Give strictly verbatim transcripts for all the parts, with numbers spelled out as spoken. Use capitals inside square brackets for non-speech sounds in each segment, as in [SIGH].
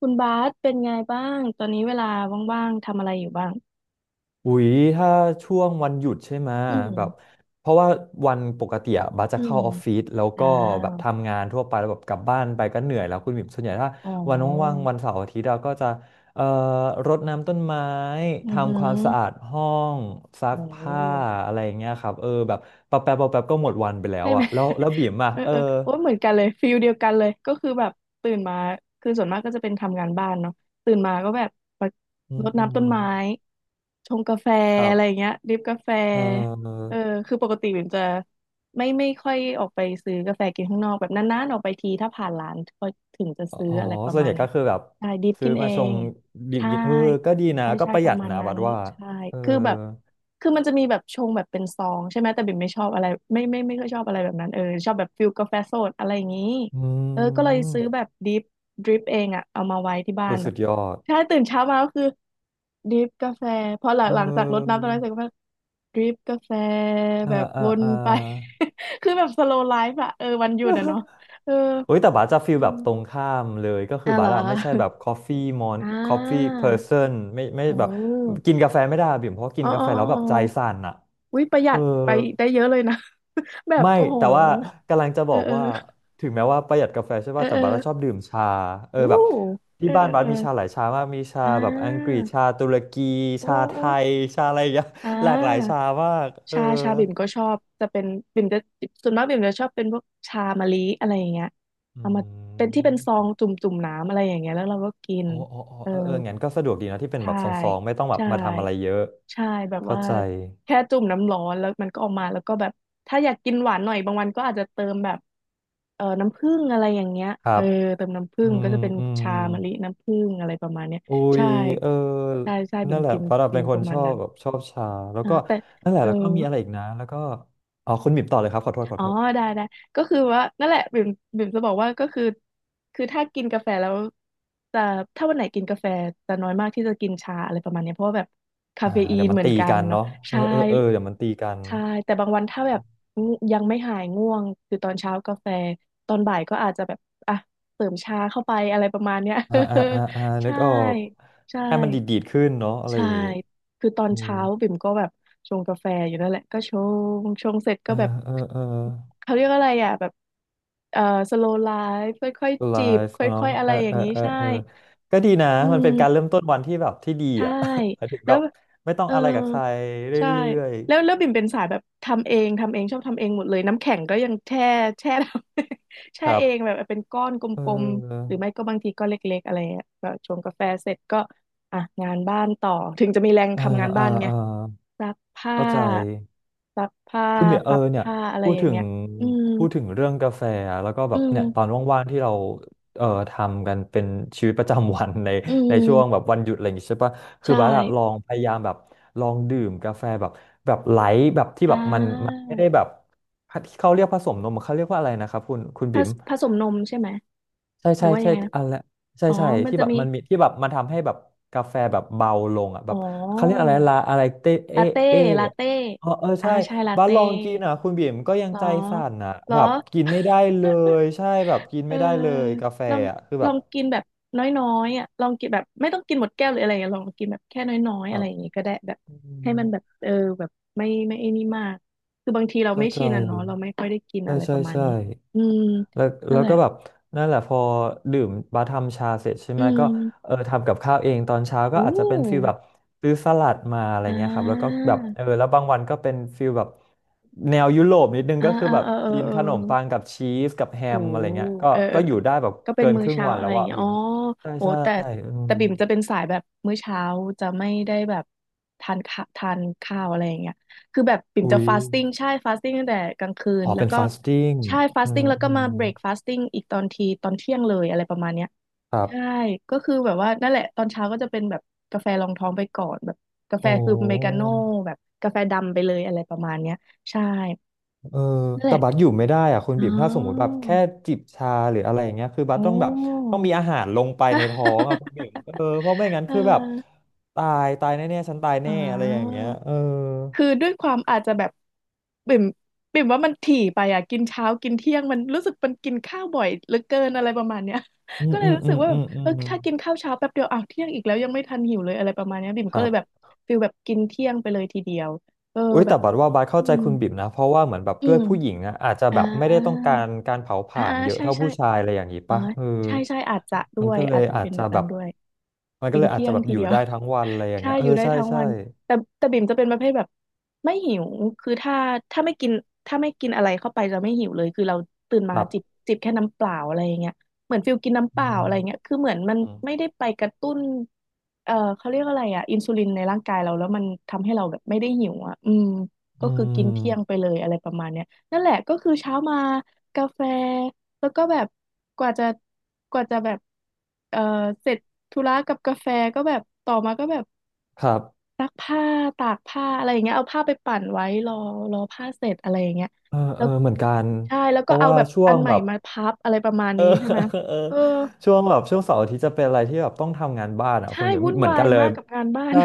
คุณบาสเป็นไงบ้าง ตอนนี้เวลาว่างๆทำอะไรอยู่บ้างอุ๊ยถ้าช่วงวันหยุดใช่ไหมอืแบบมเพราะว่าวันปกติอะบัสจะอืมเข้าออฟฟิศแล้วอ่าก็แบบทำงานทั่วไปแล้วแบบกลับบ้านไปก็เหนื่อยแล้วคุณบิ่มส่วนใหญ่ถ้าอ๋อวันว่างๆวันเสาร์อาทิตย์เราก็จะเอ่อรดน้ำต้นไม้อือหืทำความสะอาอดห้องซัโอ้กผ้าอะไรอย่างเงี้ยครับเออแบบปะแป๊บปะแป๊บก็หมดวันไปแล้ได้วไหอะม แล้วแล้วบิ่มอะเออเออเออโอ้ยเหมือนกันเลยฟิลเดียวกันเลยก็คือแบบตื่นมาคือส่วนมากก็จะเป็นทำงานบ้านเนาะตื่นมาก็แบบมาอืรมดอืน้ำต้นมไม้ชงกาแฟครัอะบไรอย่างเงี้ยดริปกาแฟเอเอออ คือปกติบิ่มจะไม่ไม่ค่อยออกไปซื้อกาแฟกินข้างนอกแบบนานๆออกไปทีถ้าผ่านร้านก็ถึงจะอ๋อซื้ออะไรประส่วนมาใหณญ่เนี้ก็ยคือแบบใช่ดริปซื้กิอนเอมาชงงดื่มใช่กินเออก็ดีนะใช่ก็ใช่ประปหยัระดมาณนะนั้บันดว่าใช่เออคือแบบ คือมันจะมีแบบชงแบบเป็นซองใช่ไหมแต่บิ่มไม่ชอบอะไรไม่ไม่ไม่ค่อยชอบอะไรแบบนั้นเออชอบแบบฟิลกาแฟสดอะไรอย่างนี้อืเออก็เลยซื้อแบมบดริปดริปเองอะเอามาไว้ที่บ้าโอ้นยแบสุบดยอดใช่ตื่นเช้ามาก็คือดริปกาแฟพอหลัเองหลังจากรดอน้ำต้นไม้เสร็จก็มาดริปกาแฟอ่าแบบอ่าวนอ่า ไป [LAUGHS] คือแบบสโลไลฟ์อะเออวันหยุดอะเนาะเออ [LAUGHS] โอ้ยแต่บาสจะฟีอืลแบมบตรงข้ามเลยก็คืออ่ะเหบารสออะไม่ใช่แบบ coffee mon อ่ coffee า person ไม่ไม่อ๋แบบอกินกาแฟไม่ได้อะบิ่มเพราะกิอ๋อนกาอ๋อแฟอ๋อ แล้วแบบใจสั่นอะวิประหยัเออ ดไปได้เยอะเลยนะ [LAUGHS] แบบไม่โอ้โหแต่ว่ากำลังจะบเอออกเออว่าถึงแม้ว่าประหยัดกาแฟใช่เออป่ะแต่เออบัสชอบดื่มชาเอออู้แบบเอที่อบ้านบัเอสอมีชาหลายชามากมีชาเอออ่แบบอังกฤาษชาตุรกีโอ้ชาไทโอ้ยยชาอะไรอย่างเงี้ย อ่ [LAUGHS] หลากหลายชาามากเออชาชาบิ่มก็ชอบจะเป็นบิ่มจะส่วนมากบิ่มจะชอบเป็นพวกชามะลิอะไรอย่างเงี้ยอืเอามาเป็นที่เป็นซองมจุ่มจุ่มน้ำอะไรอย่างเงี้ยแล้วเราก็กินโอ้โอ้โอ้เออเออเอองั้นก็สะดวกดีนะที่เป็นแบใช่บซองๆไม่ต้องแบบใช่ มาทำอะไรเยอะใช่แบบเข้าว่าใจแค่จุ่มน้ำร้อนแล้วมันก็ออกมาแล้วก็แบบถ้าอยากกินหวานหน่อยบางวันก็อาจจะเติมแบบเอ่อน้ำผึ้งอะไรอย่างเงี้ยครัเออบเติมน้ำผึ้อืงก็มจะเป็นอืม ชามะลิน้ำผึ้งอะไรประมาณเนี้ยอุ้ใช่ยเออใช่ใช่บิ่นั่มนแหละกินปราะดับฟิเป็นลคปนระชมาณอบนั้นแบบชอบชา แล้วอ่าก็แต่นั่นแหละ เออแล้วก็มีอะไรอีกนะแล้วก็อ๋อคุณบิบต่อเลยครับ ขอโทษขออ๋อโทษได้ได้ก็คือว่านั่นแหละบิ่มบิ่มจะบอกว่าก็คือคือถ้ากินกาแฟแล้วจะถ้าวันไหนกินกาแฟจะน้อยมากที่จะกินชาอะไรประมาณเนี้ยเพราะว่าแบบคาอ่าเฟอีเดี๋นยวมันเหมือนตีกันกันเนาะเนาะเออใช่ เออเออเดี๋ยวมันตีกันใช่แต่บางวันถ้าแบบง่วงยังไม่หายง่วงคือตอนเช้ากาแฟตอนบ่ายก็อาจจะแบบอ่ะเสริมชาเข้าไปอะไรประมาณเนี้ย อ่าอ่าอ่าอ่า [LAUGHS] นึใช่กออกใช่ให้มันดีดดีดขึ้นเนาะอะไรใช่อย่างงี้คือตอนอืมเช้าบิ่มก็แบบชงกาแฟอยู่นั่นแหละก็ชงชงเสร็จเอก็อแบบเออเออเขาเรียกอะไรอ่ะแบบเอ่อสโลไลฟ์ค่อยไลๆจิบฟ์คเนาะ่อยๆอะเอไรออย่าเองอนี้เออใช่เออก็ดีนะ อืมันเป็นการมเริ่มต้นวันที่แบบที่ดีใช่อ่ะ [LAUGHS] หมายถึงแล้แบวบไม่ต้องเออ อะไรกับใครเรใช่ื่อยแล้วแล้วบิ่มเป็นสายแบบทำเองทำเองชอบทำเองหมดเลยน้ำแข็งก็ยังแช่ [LAUGHS] แช่ทำ [LAUGHS] ๆ คแช่รัเอบ งแบบเป็นก้อนกเลมๆหออรือไม่ก็บางทีก็เล็กๆอะไรเงี้ยก็ชงกาแฟเสร็จก็อ่ะงานบ้านต่อถึงจะมีแรงอ่าทำงานอ่าบ้านไงอ่า ซักผ้าเข้าใจซักผ้าคุณเบียร์เออพับเนี่ยผ้าอะไรพูดอย่างถึงเงี้ยอืมพูดถึงเรื่องกาแฟอะแล้วก็แบอืบเนี่ยตอนมว่างๆที่เราเอ่อทำกันเป็นชีวิตประจำวัน [LAUGHS] ในอืในช่วงแบมบวันหยุดอะไรอย่างงี้ใช่ปะคือใช่บาร์อะลองพยายามแบบลองดื่มกาแฟแบบแบบไลท์แบบที่อ่แบบมันมันาไม่ได้แบบเขาเรียกผสมนมเขาเรียกว่าอะไรนะครับคุณคุณผบิ๋ม สผสมนมใช่ไหมใช่หรือใช่ว่ายัใช่งไงนะอะไรใช่อ๋อใช่มันที่จะแบบมีมันมีที่แบบมันทำให้แบบกาแฟแบบเบาลงอ่ะแบอ๋บเขาเรียกอ อะไรลาอะไรเตเอลาเต้เออะลาเต้เออเอออ่าใช่ใช่ลาบ้านเต้ลองกินอ่ะคุณบิ่มก็ยังเหรอใจสั่นอ่ะเหรแบอ บกินไม่ได้เล [LAUGHS] ยใช่แบบกินเออไม่ได้เลยกาแฟลองอ่ะคือลแบอบงกินแบบน้อยๆอ่ะลองกินแบบไม่ต้องกินหมดแก้วหรืออะไรอย่างเงี้ยลองกินแบบแค่น้อยๆแบอะไรบอย่างงี้ก็ได้แบบอืให้มมันแบบเออแบบไม่ไม่ไอ้นี่มาก คือบางทีเราเข้าไม่ใจชินอ่ะเนาะเราไม่ค่อยได้กินใช่อะไรปใช่ระมาณใช่ นี้อืมแล้วนั่แล้นวแหก็ละแบบนั่นแหละพอดื่มบาทำชาเสร็จใช่อืไหมก็มเออทำกับข้าวเองตอนเช้าก็อู้อาจจะเป็นฟีลแบบซื้อสลัดมาอะไรอ่เงี้ยครับแล้วก็าแบบเออแล้วบางวันก็เป็นฟีลแบบแนวยุโรปนิดนึงอ่าก็คืออ่าแบบเออเออกินเออ ขนมปังกับชีสกับแฮโอ้มอะไรเงี้ยก็เออเอก็ออยู่ได้แบบก็เป็นเกินมื้คอรึ่งเช้าวันอะแล้ไรวอย่างอะเงี้ยวิอ๋อมใช่โอ้ใช่แต่อืมแต่บิ่มจะเป็นสายแบบมื้อเช้าจะไม่ได้แบบทานข้าทานข้าวอะไรอย่างเงี้ยคือแบบบิ่มจะอุ้ยฟาสติ้งใช่ฟาสติ้งตั้งแต่กลางคืนอ๋อแล้เป็วนก็ฟาสติ้งใช่ฟาอืสติ้งมแล้วก็อืมามเบรกฟาสติ้งอีกตอนทีตอนเที่ยงเลยอะไรประมาณเนี้ยครัใช่บก็คือแบบว่านั่นแหละตอนเช้าก็จะเป็นแบบกาแฟรองท้องไปก่อนแบบกาแฟโอ้ คือเมกาโน่แบบกาแฟดำไปเลยอะไรประมาณเนี้ยใช่เออนั่นแหแต่ละบัสอยู่ไม่ได้อ่ะคุณอ๋อบิ่มถ้าสมมุติแบบแค่จิบชาหรืออะไรอย่างเงี้ยคือบัสโอ้ ต้องแบบต้องมีอาหารลงไปในท้องอ่ะคุณบิ่มเออเพราะไม่ [LAUGHS] งั้นเอคือแบบอตายตายแน่ๆฉันตายอ๋แน่อะไรอย่างเงี้อยเออคือด้วยความอาจจะแบบบิ่มบิ่มว่ามันถี่ไปอ่ะกินเช้ากินเที่ยงมันรู้สึกมันกินข้าวบ่อยเหลือเกินอะไรประมาณเนี้ย อื [LAUGHS] ก็มเลอืยมรู้อืสึกมว่าแบอืบมอืเออมถ้ากินข้าวเช้าแป๊บเดียวอ้าวเที่ยงอีกแล้วยังไม่ทันหิวเลยอะไรประมาณเนี้ยบิ่มคก็รัเลบยแบบฟิลแบบกินเที่ยงไปเลยทีเดียวเอออุ้ยแบแต่บบัดว่าบัดเข้าอืใจมคุณบิ่มนะเพราะว่าเหมือนแบบอืด้วยมผู้หญิงนะอาจจะอ่แบบไม่ได้ต้องาการการเผาผอ่าลาอ่าญเยอะใช่เท่าใช่ผู้ชายอะไรอย่างงี้อ๋อป่ะเออใช่ใช่อาจจะด้มันวยก็เลอายจจะอาจเป็นจะแบบแบนั้บนด้วย มันก็กินเลยอาจเที่ยจะงแบบทีอยู่เดียว ได้ทั้งวันอะไรอ [LAUGHS] ย่างใช่เงี้ยเอออยู่ได้ใช่ทั้งใช่วันแต่แต่บิ่มจะเป็นประเภทแบบไม่หิวคือถ้า ถ้าไม่กินถ้าไม่กินอะไรเข้าไปจะไม่หิวเลยคือเราตื่นคมารับจิบจิบแค่น้ำเปล่าอะไรอย่างเงี้ยเหมือนฟิลกินน้ำเปอืล่าอะไรเงี้ยคือเหมือนมันไม่ม ได้ไปกระตุ้นเอ่อเขาเรียกอะไรอ่ะอินซูลินในร่างกายเราแล้วมันทำให้เราแบบไม่ได้หิวอ่ะอืมก็อืคือกินมเที่ยงไปเลยอะไรประมาณเนี้ยนั่นแหละก็คือเช้ามากาแฟ แล้วก็แบบกว่าจะกว่าจะแบบเออเสร็จธุระกับกาแฟก็แบบต่อมาก็แบบครับซักผ้าตากผ้าอะไรอย่างเงี้ยเอาผ้าไปปั่นไว้รอรอผ้าเสร็จอะไรอย่างเงี้ยเออแล้เออวเหมือนกันใช่แล้วเพก็ราะเอาว่าแบบช่วอันงใหม่แบบมาพับอะไรประมาณเออ นี้ใช่ไหม [LAUGHS] เออเออช่วงแบบช่วงเสาร์อาทิตย์จะเป็นอะไรที่แบบต้องทำงานบ้านอ่ะใช่คุณแบบวุ่นเหมือนวากัยนเลยมากกับงานบ้าน ได้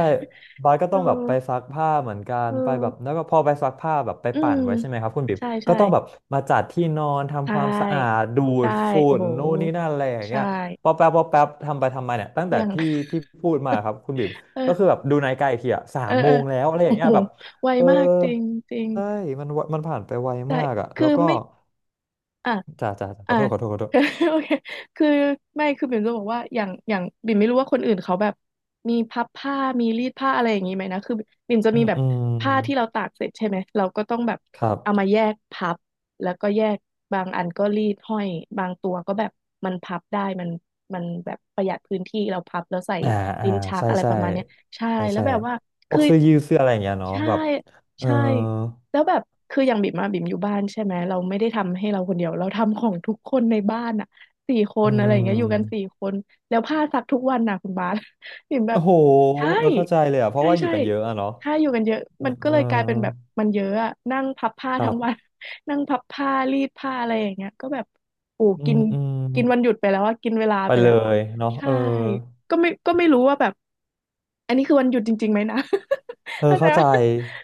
บาสก็ [LAUGHS] เออต้องแบบไปซักผ้าเหมือนกันเอไปอแบบแล้วก็พอไปซักผ้าแบบไปอืปั่มนไว้ใช่ไหมครับคุณบิ๊บใช่ก็ใช่ต้องแบบมาจัดที่นอนใชทำความสะอา่ดดูใช่ดฝุ่โอ้นโหนู่นนี่นั่นอะไรอย่างใช่เงี้ยพอแป๊บพอแป๊บทำไปทำมาเนี่ยตั้งเที่แต่ยง ที่ [LAUGHS] ที่พูดมาครับคุณบิ๊บก็คืเออ อแบบดูนาฬิกาอีกทีอ่ะสาเอมอโมเออ งแล้ว [LAUGHS] อะไรอโอ้ย่างเงี้โหยแบบไวเออ มากจริงจริง ใช่มันวะมันผ่านไปไวแต่มากอ่ะแล้คืวอก็ไม่ อ่ะ จ่าจ่าขอ่า อโทษขอโทษขอโทษ [LAUGHS] โอเคคือไม่คือบิ่มจะบอกว่าอย่างอย่างบิ่มไม่รู้ว่าคนอื่นเขาแบบมีพับผ้ามีรีดผ้าอะไรอย่างนี้ไหมนะคือบิ่มจะอืมีมแบบอืมผ้าที่เราตากเสร็จใช่ไหมเราก็ต้องแบบครับเอามาแยกพับแล้วก็แยกบางอันก็รีดห้อยบางตัวก็แบบมันพับได้มันมันแบบประหยัดพื้นที่เราพับแล้วใส่อ่าอ่าลิ้นชักใช่อะไรปใช่ระมาณเนี้ยใช่ใช่แล้วใช่แบบว่าพวคืกอเสื้อยืดเสื้ออะไรอย่างเงี้ยเนาะใช่แบบเออใช่ แล้วแบบคืออย่างบิ่มอะบิ่มอยู่บ้านใช่ไหมเราไม่ได้ทำให้เราคนเดียวเราทำของทุกคนในบ้านอะสี่คอืนอะไรอย่างเงี้ยอยู่กันสี่มคนแล้วผ้าซักทุกวันนะคุณบาส [LAUGHS] บิ่มแบโอ้บโหใช่เออเข้าใจเลยอ่ะเพใช่ราะว่าอยู่ใช่กันเยอะอ่ะเนาะใช่อยู่กันเยอะเออมันก็เออเลยกลายเป็นแบบมันเยอะอะนั่งพับผ้าครัทั้งวัน บ [LAUGHS] นั่งพับผ้ารีดผ้าอะไรอย่างเงี้ยก็แบบโอ้อืกิมนอืมกินวันหยุดไปแล้วอะกินเวลาไปไปเลแล้วอะยเนาะใช่เออ ก็ไม่ก็ไม่รู้ว่าแบบอันนี้คือวันหยุดจริงๆไหมนะ เอ [LAUGHS] อเข้าใจเข้าใจว่า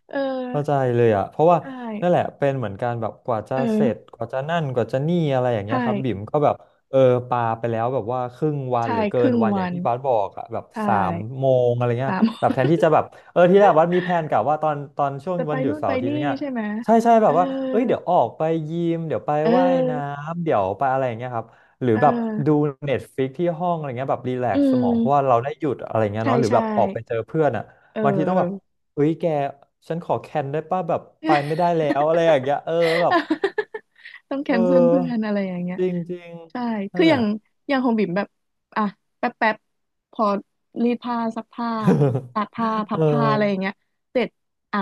เออเข้าใจเลยอ่ะเพราะว่าใชนั่นแห่ ละเป็นเหมือนกันแบบกว่าจะเออเสร็จกว่าจะนั่นกว่าจะนี่อะไรอย่างใชเงี้ยครับบิ่ม่ก็แบบเออปาไปแล้วแบบว่าครึ่งวันใช่หรือคเกิรึ่นงวันอวัย่างนที่บาสบอกอ่ะแบบใช่สามโมงอะไรเงี้ยสาม [LAUGHS] แบบแทนที่จะแบบเออที่แรกบัสมีแผนกะว่าตอนตอนช่วงจะไปวันหยุดนู่นเสาไปร์อาทิตย์นี่อะไรเงี้ยใช่ไหมใช่ใช่เอแบอบว่าเอ้ยเดี๋ยวออกไปยิมเดี๋ยวไปเอว่ายน้อำเดี๋ยวไปอะไรอย่างเงี้ยครับหรือเออแบบดูเน็ตฟลิกที่ห้องอะไรเงี้ยแบบรีแลอืกซ์สมองเพราะว่ามเราได้หยุดอะไรเงี้ยใช่เนาะหรือใช่แบบออกไปเจอเพื่อนอ่ะ เอบางทีต้องแบบอ เอ้ยแกฉันขอแคนได้ป่ะแบบไปไม่ได้แล้วอะไรอย่าง [LAUGHS] เงี้ยเออแบบต้องแคเอนเซิลเพื่อนออะไรอย่างเงี้ย จริงจริงใช่ นั่คืนอแหอย่าละ งอย่างของบิ่มแบบอ่ะแป๊บแป๊บพอรีดผ้าซักผ้าตากผ้า [LAUGHS] พัเอบผ้าอะไรอย่างอเงี้ยเสร็จอ่ะ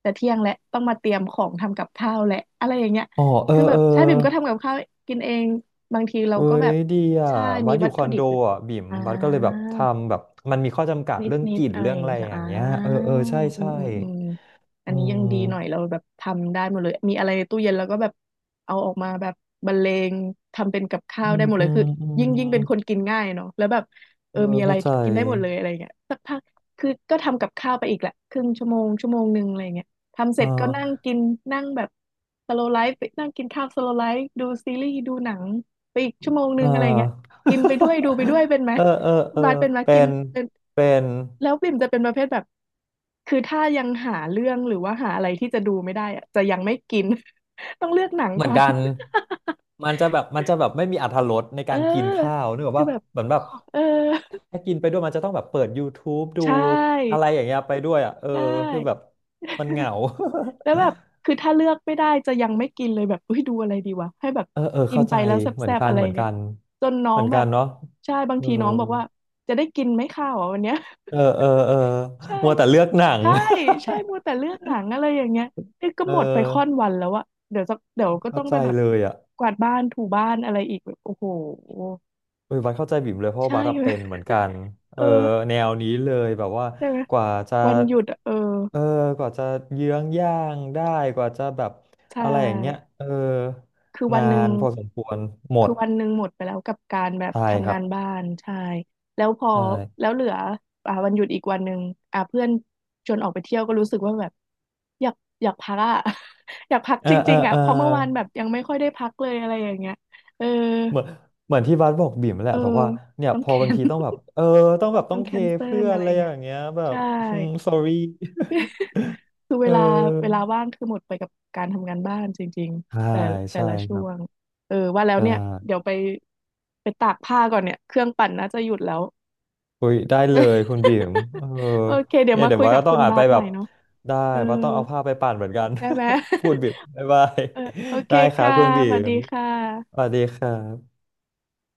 แต่เที่ยงแล้วต้องมาเตรียมของทำกับข้าวแหละอะไรอย่างเงี้ยอ๋อ เออคือแบเอบอใช่บิ่มก็ทำกับข้าวกินเองบางทีเราเอ้ก็แบบยดีอ่ะใช่วัมีดอวัยู่ตคอถุนดิโดบอยู่อ่ะบิ่มอ่า วัดก็เลยแบบทำแบบมันมีข้อจำกัดนิดเรื่องนิกดลิ่นอะไรเรื่อองย่างอะไรงี้ใช่อย่าอ่างเงี้ยเอออืเออมใช่อืใช่มอืมอัอืนนี้ยังดีมหน่อยเราแบบทำได้หมดเลยมีอะไรในตู้เย็นแล้วก็แบบเอาออกมาแบบบรรเลงทำเป็นกับข้าอืวได้มหมดเลอืยมคืออืยิ่งยิ่งเป็นคนมกินง่ายเนาะแล้วแบบเอเอออมีอะไรเข้าใจกินได้หมดเลยอะไรเงี้ยสักพักคือก็ทำกับข้าวไปอีกแหละครึ่งชั่วโมงชั่วโมงหนึ่งอะไรเงี้ยทำเสอ่ร็จก็นั่งากินนั่งแบบสโลไลฟ์ไปนั่งกินข้าวสโลไลฟ์ดูซีรีส์ดูหนังไปอีกชั่วโมงหนึ่อ่งอะไรเงี้ยา กินไปด้วยดูไปด้วยเป็นไหม [LAUGHS] เออเออคุเอณอบาสเป็นมาเป็กินนเป็นเป็น แล้วบิ่มจะเป็นประเภทแบบคือถ้ายังหาเรื่องหรือว่าหาอะไรที่จะดูไม่ได้อะจะยังไม่กิน [LAUGHS] ต้องเลือกหนังเหมือก่นอน กันมัน [LAUGHS] จะแบบมันจะแบบไม่มีอรรถรสในเออการกินข้าวนึกออกคือว่าแบบเหมือนแบขบอเออถ้ากินไปด้วยมันจะต้องแบบเปิด ยู ทูบ ดูใชอะ่ไรอย่างเงี้ยไปด้วยอ่ะเออใช่คือแบบมันเหงา แล้วแบบ [LAUGHS] คือถ้าเลือกไม่ได้จะยังไม่กินเลยแบบเฮ้ยดูอะไรดีวะให้แบบเออเออกินเข้าไปใจแล้วแซเหมือ่นบกัๆนอะไรเหมือนเงี้กัยนจนน้อเหมืงอนแบกับนเนาะใช่บางเออทีน้องบอกว่าจะได้กินไหมข้าวอ่ะวันเนี้ย เออเออเออ [LAUGHS] ใช่ มัวแต่เลือกหนัง ใช่ใช่มัวแต่เลือกหนังอะไรอย่างเงี้ยนี่ [LAUGHS] ก็เอหมดไปอค่อนวันแล้วอะเดี๋ยวจะเดี๋ยวก็เข้าต้องใจไปแบบเลยอ่ะ กวาดบ้านถูบ้านอะไรอีกแบบโอ้โหเออบัสเข้าใจบิ่มเลยเพราะว่าใช่ บัสอะเป็นเหมือนกันเอ [LAUGHS] เอออแนวนี้เลยแบบว่าใช่ไหมกว่าจะวันหยุดอะเออเออกว่าจะเยื้องย่างได้กว่าจะแบบใช่อะไรอย่างเงี้ยเออคือวันานหนึ่ง นพอสมควรหมคือดวันหนึ่งหมดไปแล้วกับการแบบใช่คทำรังาบนบ้านใช่แล้วพอใช่แล้วเหลืออ่าวันหยุดอีกวันหนึ่งอ่าเพื่อนชวนออกไปเที่ยวก็รู้สึกว่าแบบอยากอยากพักอ่ะ [LAUGHS] อยากพักเออจเอริองๆอ่ะเออเพราะเมื่อวานแบบยังไม่ค่อยได้พักเลยอะไรอย่างเงี้ยเออเหมือนเหมือนที่บัสบอกบิ่มแหเอละอแบบว่าเนี่ยต้องพอแคบางน ทีต้องแบบ [LAUGHS] เออต้องแบบต้ต้อองงแคเทนเซิเพื่ลอนอะไรอะอไรย่างอเงี้ยย่างเงี้ยแบบใช่อืม sorry คือ [LAUGHS] เวเอลาเวลาอว่างคือหมดไปกับการทำงานบ้านจริงใช่ๆแต่แต่ใช่ละคช่รัวบงเออว่าแล้วใช่ เนี่ยเดี๋ยวไปไปตากผ้าก่อนเนี่ยเครื่องปั่นน่าจะหยุดแล้ว อุ้ยได้เลยคุณบีมเอ [LAUGHS] อโอเคเดี๋ยวเนี่ยมาเดี๋ยคุวยว่ากับก็ต้อคุงณอ่านบาไปสใหแบม่บเนาะได้เออว่าต้องเอาผ้าไปปั่นเหมือนกัน ได้ไหม [LAUGHS] พูดบีม [LAUGHS] บ๊ายบาย เออโอ [LAUGHS] เคได้ครับค่ะคุณบีสวัสมดีค่ะสวัสดีครับ